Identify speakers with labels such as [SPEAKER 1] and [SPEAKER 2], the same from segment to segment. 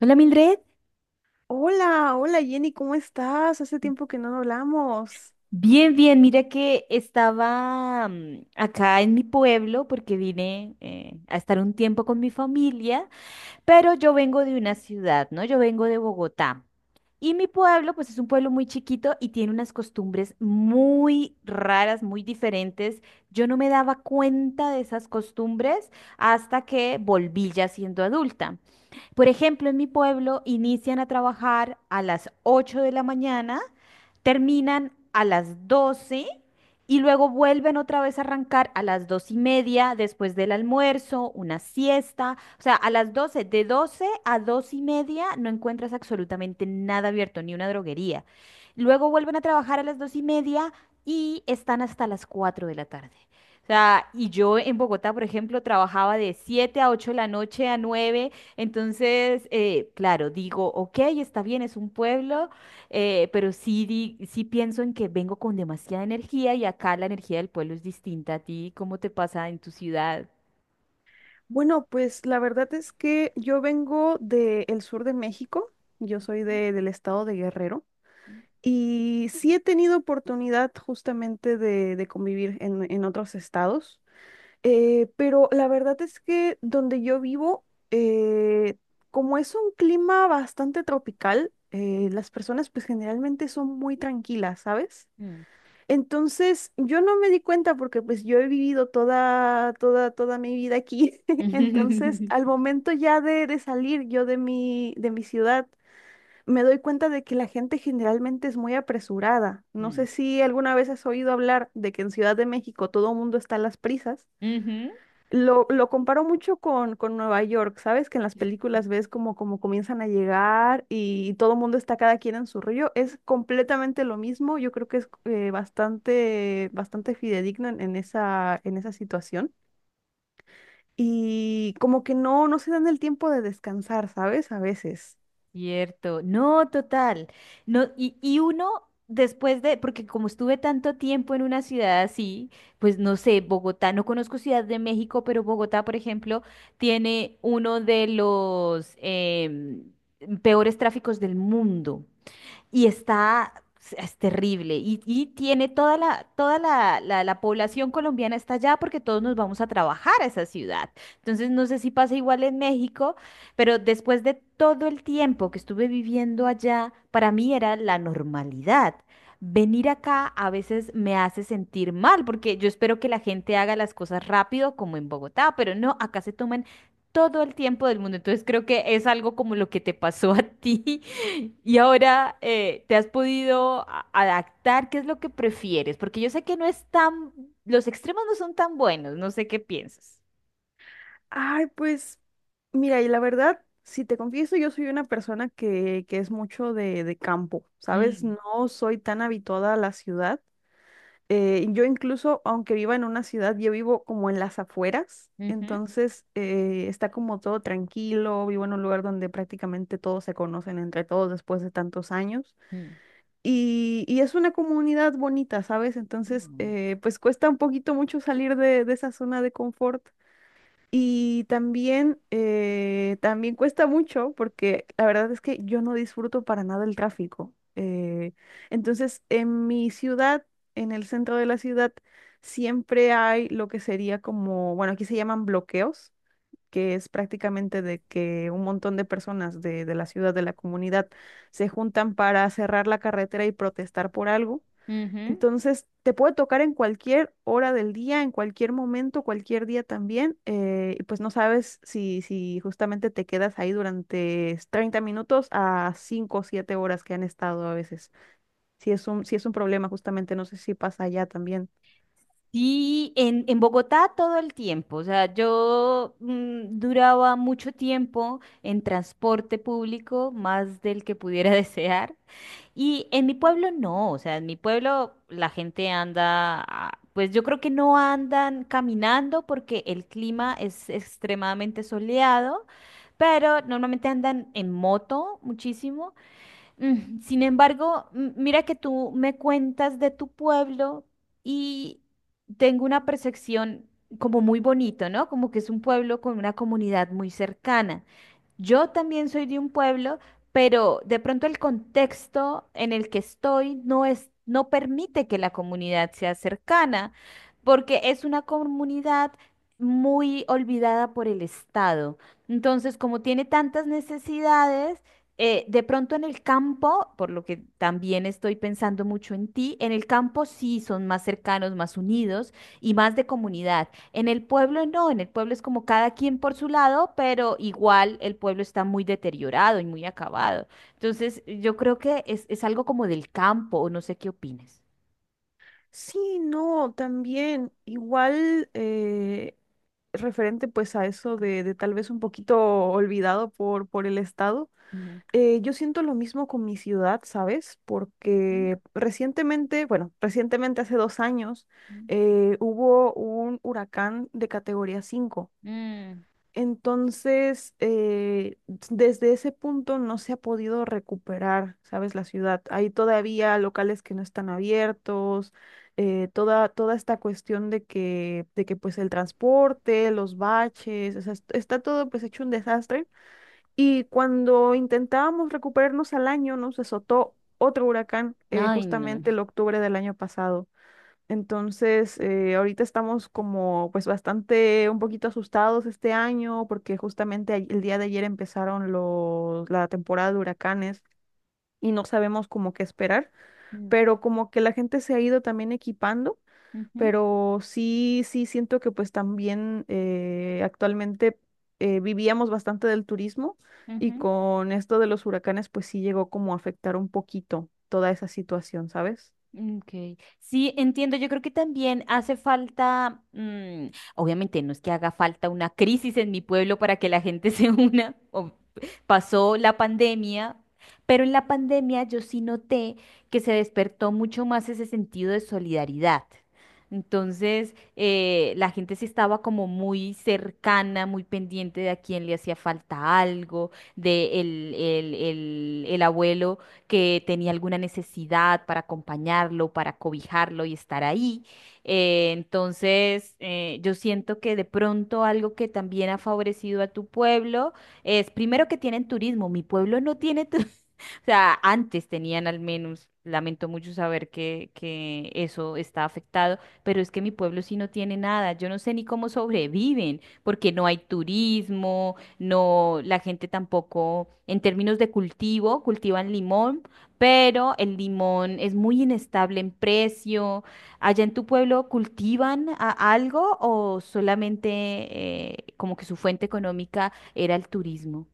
[SPEAKER 1] Hola Mildred,
[SPEAKER 2] Hola, hola Jenny, ¿cómo estás? Hace tiempo que no hablamos.
[SPEAKER 1] bien, bien, mira que estaba acá en mi pueblo porque vine a estar un tiempo con mi familia, pero yo vengo de una ciudad, ¿no? Yo vengo de Bogotá. Y mi pueblo, pues es un pueblo muy chiquito y tiene unas costumbres muy raras, muy diferentes. Yo no me daba cuenta de esas costumbres hasta que volví ya siendo adulta. Por ejemplo, en mi pueblo inician a trabajar a las 8 de la mañana, terminan a las 12 y luego vuelven otra vez a arrancar a las 2 y media después del almuerzo, una siesta. O sea, a las doce, de 12 a 2 y media no encuentras absolutamente nada abierto, ni una droguería. Luego vuelven a trabajar a las 2 y media y están hasta las 4 de la tarde. O sea, y yo en Bogotá, por ejemplo, trabajaba de 7 a 8 de la noche, a nueve. Entonces, claro, digo, ok, está bien, es un pueblo, pero sí, sí pienso en que vengo con demasiada energía y acá la energía del pueblo es distinta a ti. ¿Cómo te pasa en tu ciudad?
[SPEAKER 2] Bueno, pues la verdad es que yo vengo del sur de México, yo soy del estado de Guerrero y sí he tenido oportunidad justamente de convivir en otros estados, pero la verdad es que donde yo vivo, eh, como es un clima bastante tropical, las personas pues generalmente son muy tranquilas, ¿sabes?
[SPEAKER 1] Mm.
[SPEAKER 2] Entonces, yo no me di cuenta porque pues yo he vivido toda mi vida aquí. Entonces, al momento ya de salir yo de de mi ciudad, me doy cuenta de que la gente generalmente es muy apresurada. No sé
[SPEAKER 1] Mm.
[SPEAKER 2] si alguna vez has oído hablar de que en Ciudad de México todo el mundo está a las prisas.
[SPEAKER 1] Ujú.
[SPEAKER 2] Lo comparo mucho con Nueva York, ¿sabes? Que en las películas ves como, como comienzan a llegar y todo el mundo está cada quien en su rollo. Es completamente lo mismo. Yo creo que es bastante fidedigno en, en esa situación. Y como que no, no se dan el tiempo de descansar, ¿sabes? A veces.
[SPEAKER 1] Cierto, no, total. No, y uno después de, porque como estuve tanto tiempo en una ciudad así, pues no sé, Bogotá, no conozco Ciudad de México, pero Bogotá, por ejemplo, tiene uno de los peores tráficos del mundo y está, es terrible. Y tiene toda la población colombiana está allá porque todos nos vamos a trabajar a esa ciudad. Entonces, no sé si pasa igual en México, pero después de todo el tiempo que estuve viviendo allá, para mí era la normalidad. Venir acá a veces me hace sentir mal porque yo espero que la gente haga las cosas rápido como en Bogotá, pero no, acá se toman todo el tiempo del mundo. Entonces creo que es algo como lo que te pasó a ti. Y ahora, ¿te has podido adaptar? ¿Qué es lo que prefieres? Porque yo sé que no es tan, los extremos no son tan buenos, no sé qué piensas.
[SPEAKER 2] Ay, pues, mira, y la verdad, si te confieso, yo soy una persona que es mucho de campo, ¿sabes?
[SPEAKER 1] Mm.
[SPEAKER 2] No soy tan habituada a la ciudad. Yo incluso, aunque viva en una ciudad, yo vivo como en las afueras,
[SPEAKER 1] Ujú.
[SPEAKER 2] entonces está como todo tranquilo, vivo en un lugar donde prácticamente todos se conocen entre todos después de tantos años
[SPEAKER 1] Mm.
[SPEAKER 2] y es una comunidad bonita, ¿sabes? Entonces,
[SPEAKER 1] Mm.
[SPEAKER 2] pues cuesta un poquito mucho salir de esa zona de confort, y también, también cuesta mucho porque la verdad es que yo no disfruto para nada el tráfico. Entonces, en mi ciudad, en el centro de la ciudad, siempre hay lo que sería como, bueno, aquí se llaman bloqueos, que es prácticamente de que un montón de personas de la ciudad, de la comunidad, se juntan para cerrar la carretera y protestar por algo.
[SPEAKER 1] Ujú.
[SPEAKER 2] Entonces, te puede tocar en cualquier hora del día, en cualquier momento, cualquier día también, y pues no sabes si, si justamente te quedas ahí durante 30 minutos a 5 o 7 horas que han estado a veces. Si es un problema, justamente, no sé si pasa allá también.
[SPEAKER 1] Sí, en, Bogotá todo el tiempo. O sea, yo duraba mucho tiempo en transporte público, más del que pudiera desear. Y en mi pueblo no, o sea, en mi pueblo la gente anda, ah, pues yo creo que no andan caminando porque el clima es extremadamente soleado, pero normalmente andan en moto muchísimo. Sin embargo, mira que tú me cuentas de tu pueblo y tengo una percepción como muy bonito, ¿no? Como que es un pueblo con una comunidad muy cercana. Yo también soy de un pueblo, pero de pronto el contexto en el que estoy no es, no permite que la comunidad sea cercana, porque es una comunidad muy olvidada por el Estado. Entonces, como tiene tantas necesidades, de pronto en el campo, por lo que también estoy pensando mucho en ti, en el campo sí son más cercanos, más unidos y más de comunidad. En el pueblo no, en el pueblo es como cada quien por su lado, pero igual el pueblo está muy deteriorado y muy acabado. Entonces, yo creo que es, algo como del campo, o no sé qué opines.
[SPEAKER 2] Sí, no, también, igual, referente pues a eso de tal vez un poquito olvidado por el Estado.
[SPEAKER 1] Ujú.
[SPEAKER 2] Yo siento lo mismo con mi ciudad, ¿sabes?
[SPEAKER 1] Ujú.
[SPEAKER 2] Porque recientemente, bueno, recientemente hace 2 años,
[SPEAKER 1] Ujú.
[SPEAKER 2] hubo un huracán de categoría 5.
[SPEAKER 1] Mm.
[SPEAKER 2] Entonces, desde ese punto no se ha podido recuperar, ¿sabes? La ciudad. Hay todavía locales que no están abiertos, toda esta cuestión de que, pues el transporte, los baches, o sea, está todo pues hecho un desastre. Y cuando intentábamos recuperarnos al año, nos azotó otro huracán,
[SPEAKER 1] Ay, no.
[SPEAKER 2] justamente el octubre del año pasado. Entonces, ahorita estamos como pues bastante un poquito asustados este año porque justamente el día de ayer empezaron la temporada de huracanes y no sabemos como qué esperar,
[SPEAKER 1] Mm.
[SPEAKER 2] pero como que la gente se ha ido también equipando,
[SPEAKER 1] Ujú.
[SPEAKER 2] pero sí, sí siento que pues también actualmente vivíamos bastante del turismo y
[SPEAKER 1] Ujú.
[SPEAKER 2] con esto de los huracanes pues sí llegó como a afectar un poquito toda esa situación, ¿sabes?
[SPEAKER 1] Okay. Sí, entiendo. Yo creo que también hace falta, obviamente no es que haga falta una crisis en mi pueblo para que la gente se una. Pasó la pandemia, pero en la pandemia yo sí noté que se despertó mucho más ese sentido de solidaridad. Entonces, la gente sí estaba como muy cercana, muy pendiente de a quién le hacía falta algo, de el abuelo que tenía alguna necesidad para acompañarlo, para cobijarlo y estar ahí. Entonces, yo siento que de pronto algo que también ha favorecido a tu pueblo es, primero que tienen turismo, mi pueblo no tiene turismo. O sea, antes tenían al menos, lamento mucho saber que eso está afectado, pero es que mi pueblo sí no tiene nada, yo no sé ni cómo sobreviven, porque no hay turismo, no, la gente tampoco, en términos de cultivo, cultivan limón, pero el limón es muy inestable en precio. ¿Allá en tu pueblo cultivan algo o solamente como que su fuente económica era el turismo?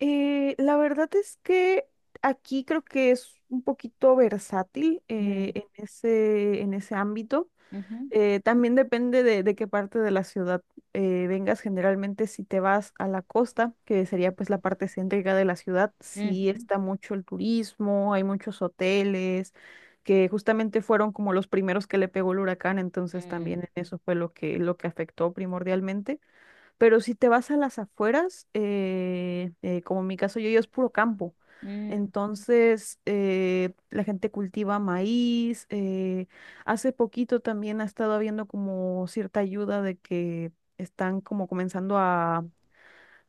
[SPEAKER 2] La verdad es que aquí creo que es un poquito versátil
[SPEAKER 1] Mm.
[SPEAKER 2] en ese ámbito.
[SPEAKER 1] Ujú.
[SPEAKER 2] También depende de qué parte de la ciudad vengas. Generalmente, si te vas a la costa, que sería pues la parte céntrica de la ciudad, sí
[SPEAKER 1] Ujú.
[SPEAKER 2] está mucho el turismo, hay muchos hoteles que justamente fueron como los primeros que le pegó el huracán, entonces
[SPEAKER 1] Mm.
[SPEAKER 2] también eso fue lo que afectó primordialmente. Pero si te vas a las afueras, como en mi caso, yo es puro campo.
[SPEAKER 1] Mm.
[SPEAKER 2] Entonces, la gente cultiva maíz. Hace poquito también ha estado habiendo como cierta ayuda de que están como comenzando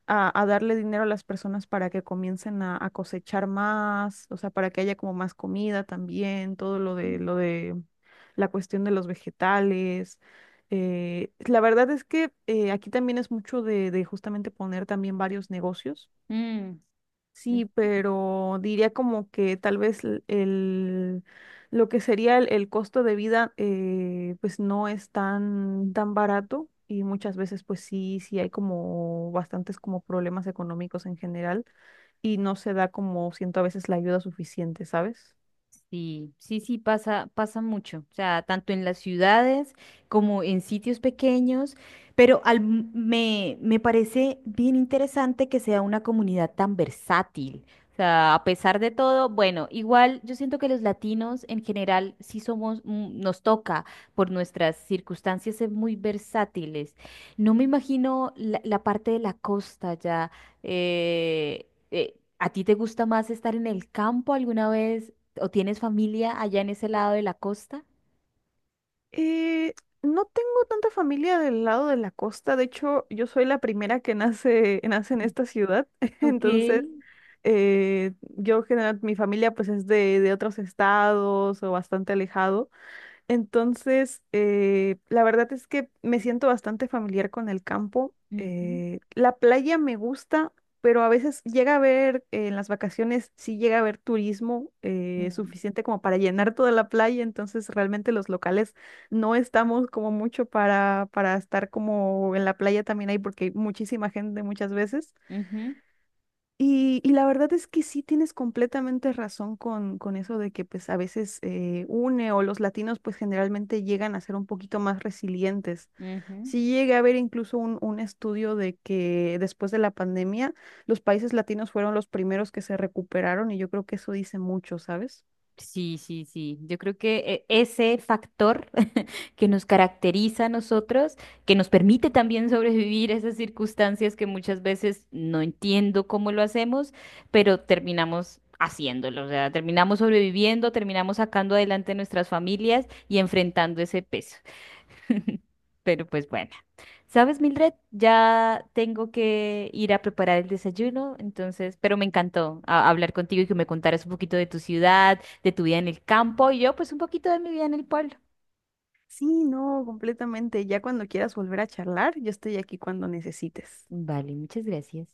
[SPEAKER 2] a darle dinero a las personas para que comiencen a cosechar más, o sea, para que haya como más comida también, todo
[SPEAKER 1] Ujú.
[SPEAKER 2] lo de la cuestión de los vegetales. La verdad es que aquí también es mucho de justamente poner también varios negocios.
[SPEAKER 1] Ujú. Mm.
[SPEAKER 2] Sí, pero diría como que tal vez lo que sería el costo de vida pues no es tan, tan barato y muchas veces pues sí, sí hay como bastantes como problemas económicos en general y no se da como siento a veces la ayuda suficiente, ¿sabes?
[SPEAKER 1] Sí, sí, sí, pasa, pasa mucho, o sea, tanto en las ciudades como en sitios pequeños, pero me parece bien interesante que sea una comunidad tan versátil, o sea, a pesar de todo, bueno, igual yo siento que los latinos en general sí somos, nos toca por nuestras circunstancias ser muy versátiles. No me imagino la parte de la costa ya. eh, eh, ¿A ti te gusta más estar en el campo alguna vez? ¿O tienes familia allá en ese lado de la costa?
[SPEAKER 2] Eh, no tengo tanta familia del lado de la costa, de hecho yo soy la primera que nace, nace en esta ciudad,
[SPEAKER 1] Ok.
[SPEAKER 2] entonces yo general, mi familia pues es de otros estados o bastante alejado. Entonces, la verdad es que me siento bastante familiar con el campo.
[SPEAKER 1] Ujú.
[SPEAKER 2] La playa me gusta, pero a veces llega a haber, en las vacaciones, sí llega a haber turismo
[SPEAKER 1] Mm.
[SPEAKER 2] suficiente como para llenar toda la playa. Entonces, realmente los locales no estamos como mucho para estar como en la playa también hay, porque hay muchísima gente muchas veces.
[SPEAKER 1] Ujú.
[SPEAKER 2] Y la verdad es que sí tienes completamente razón con eso de que pues a veces une o los latinos pues generalmente llegan a ser un poquito más resilientes.
[SPEAKER 1] Ujú.
[SPEAKER 2] Sí llegué a ver incluso un estudio de que después de la pandemia los países latinos fueron los primeros que se recuperaron y yo creo que eso dice mucho, ¿sabes?
[SPEAKER 1] Sí, sí, sí. Yo creo que ese factor que nos caracteriza a nosotros, que nos permite también sobrevivir a esas circunstancias que muchas veces no entiendo cómo lo hacemos, pero terminamos haciéndolo. O sea, terminamos sobreviviendo, terminamos sacando adelante nuestras familias y enfrentando ese peso. Pero pues bueno, ¿sabes, Mildred? Ya tengo que ir a preparar el desayuno, entonces, pero me encantó hablar contigo y que me contaras un poquito de tu ciudad, de tu vida en el campo y yo pues un poquito de mi vida en el pueblo.
[SPEAKER 2] Sí, no, completamente. Ya cuando quieras volver a charlar, yo estoy aquí cuando necesites.
[SPEAKER 1] Vale, muchas gracias.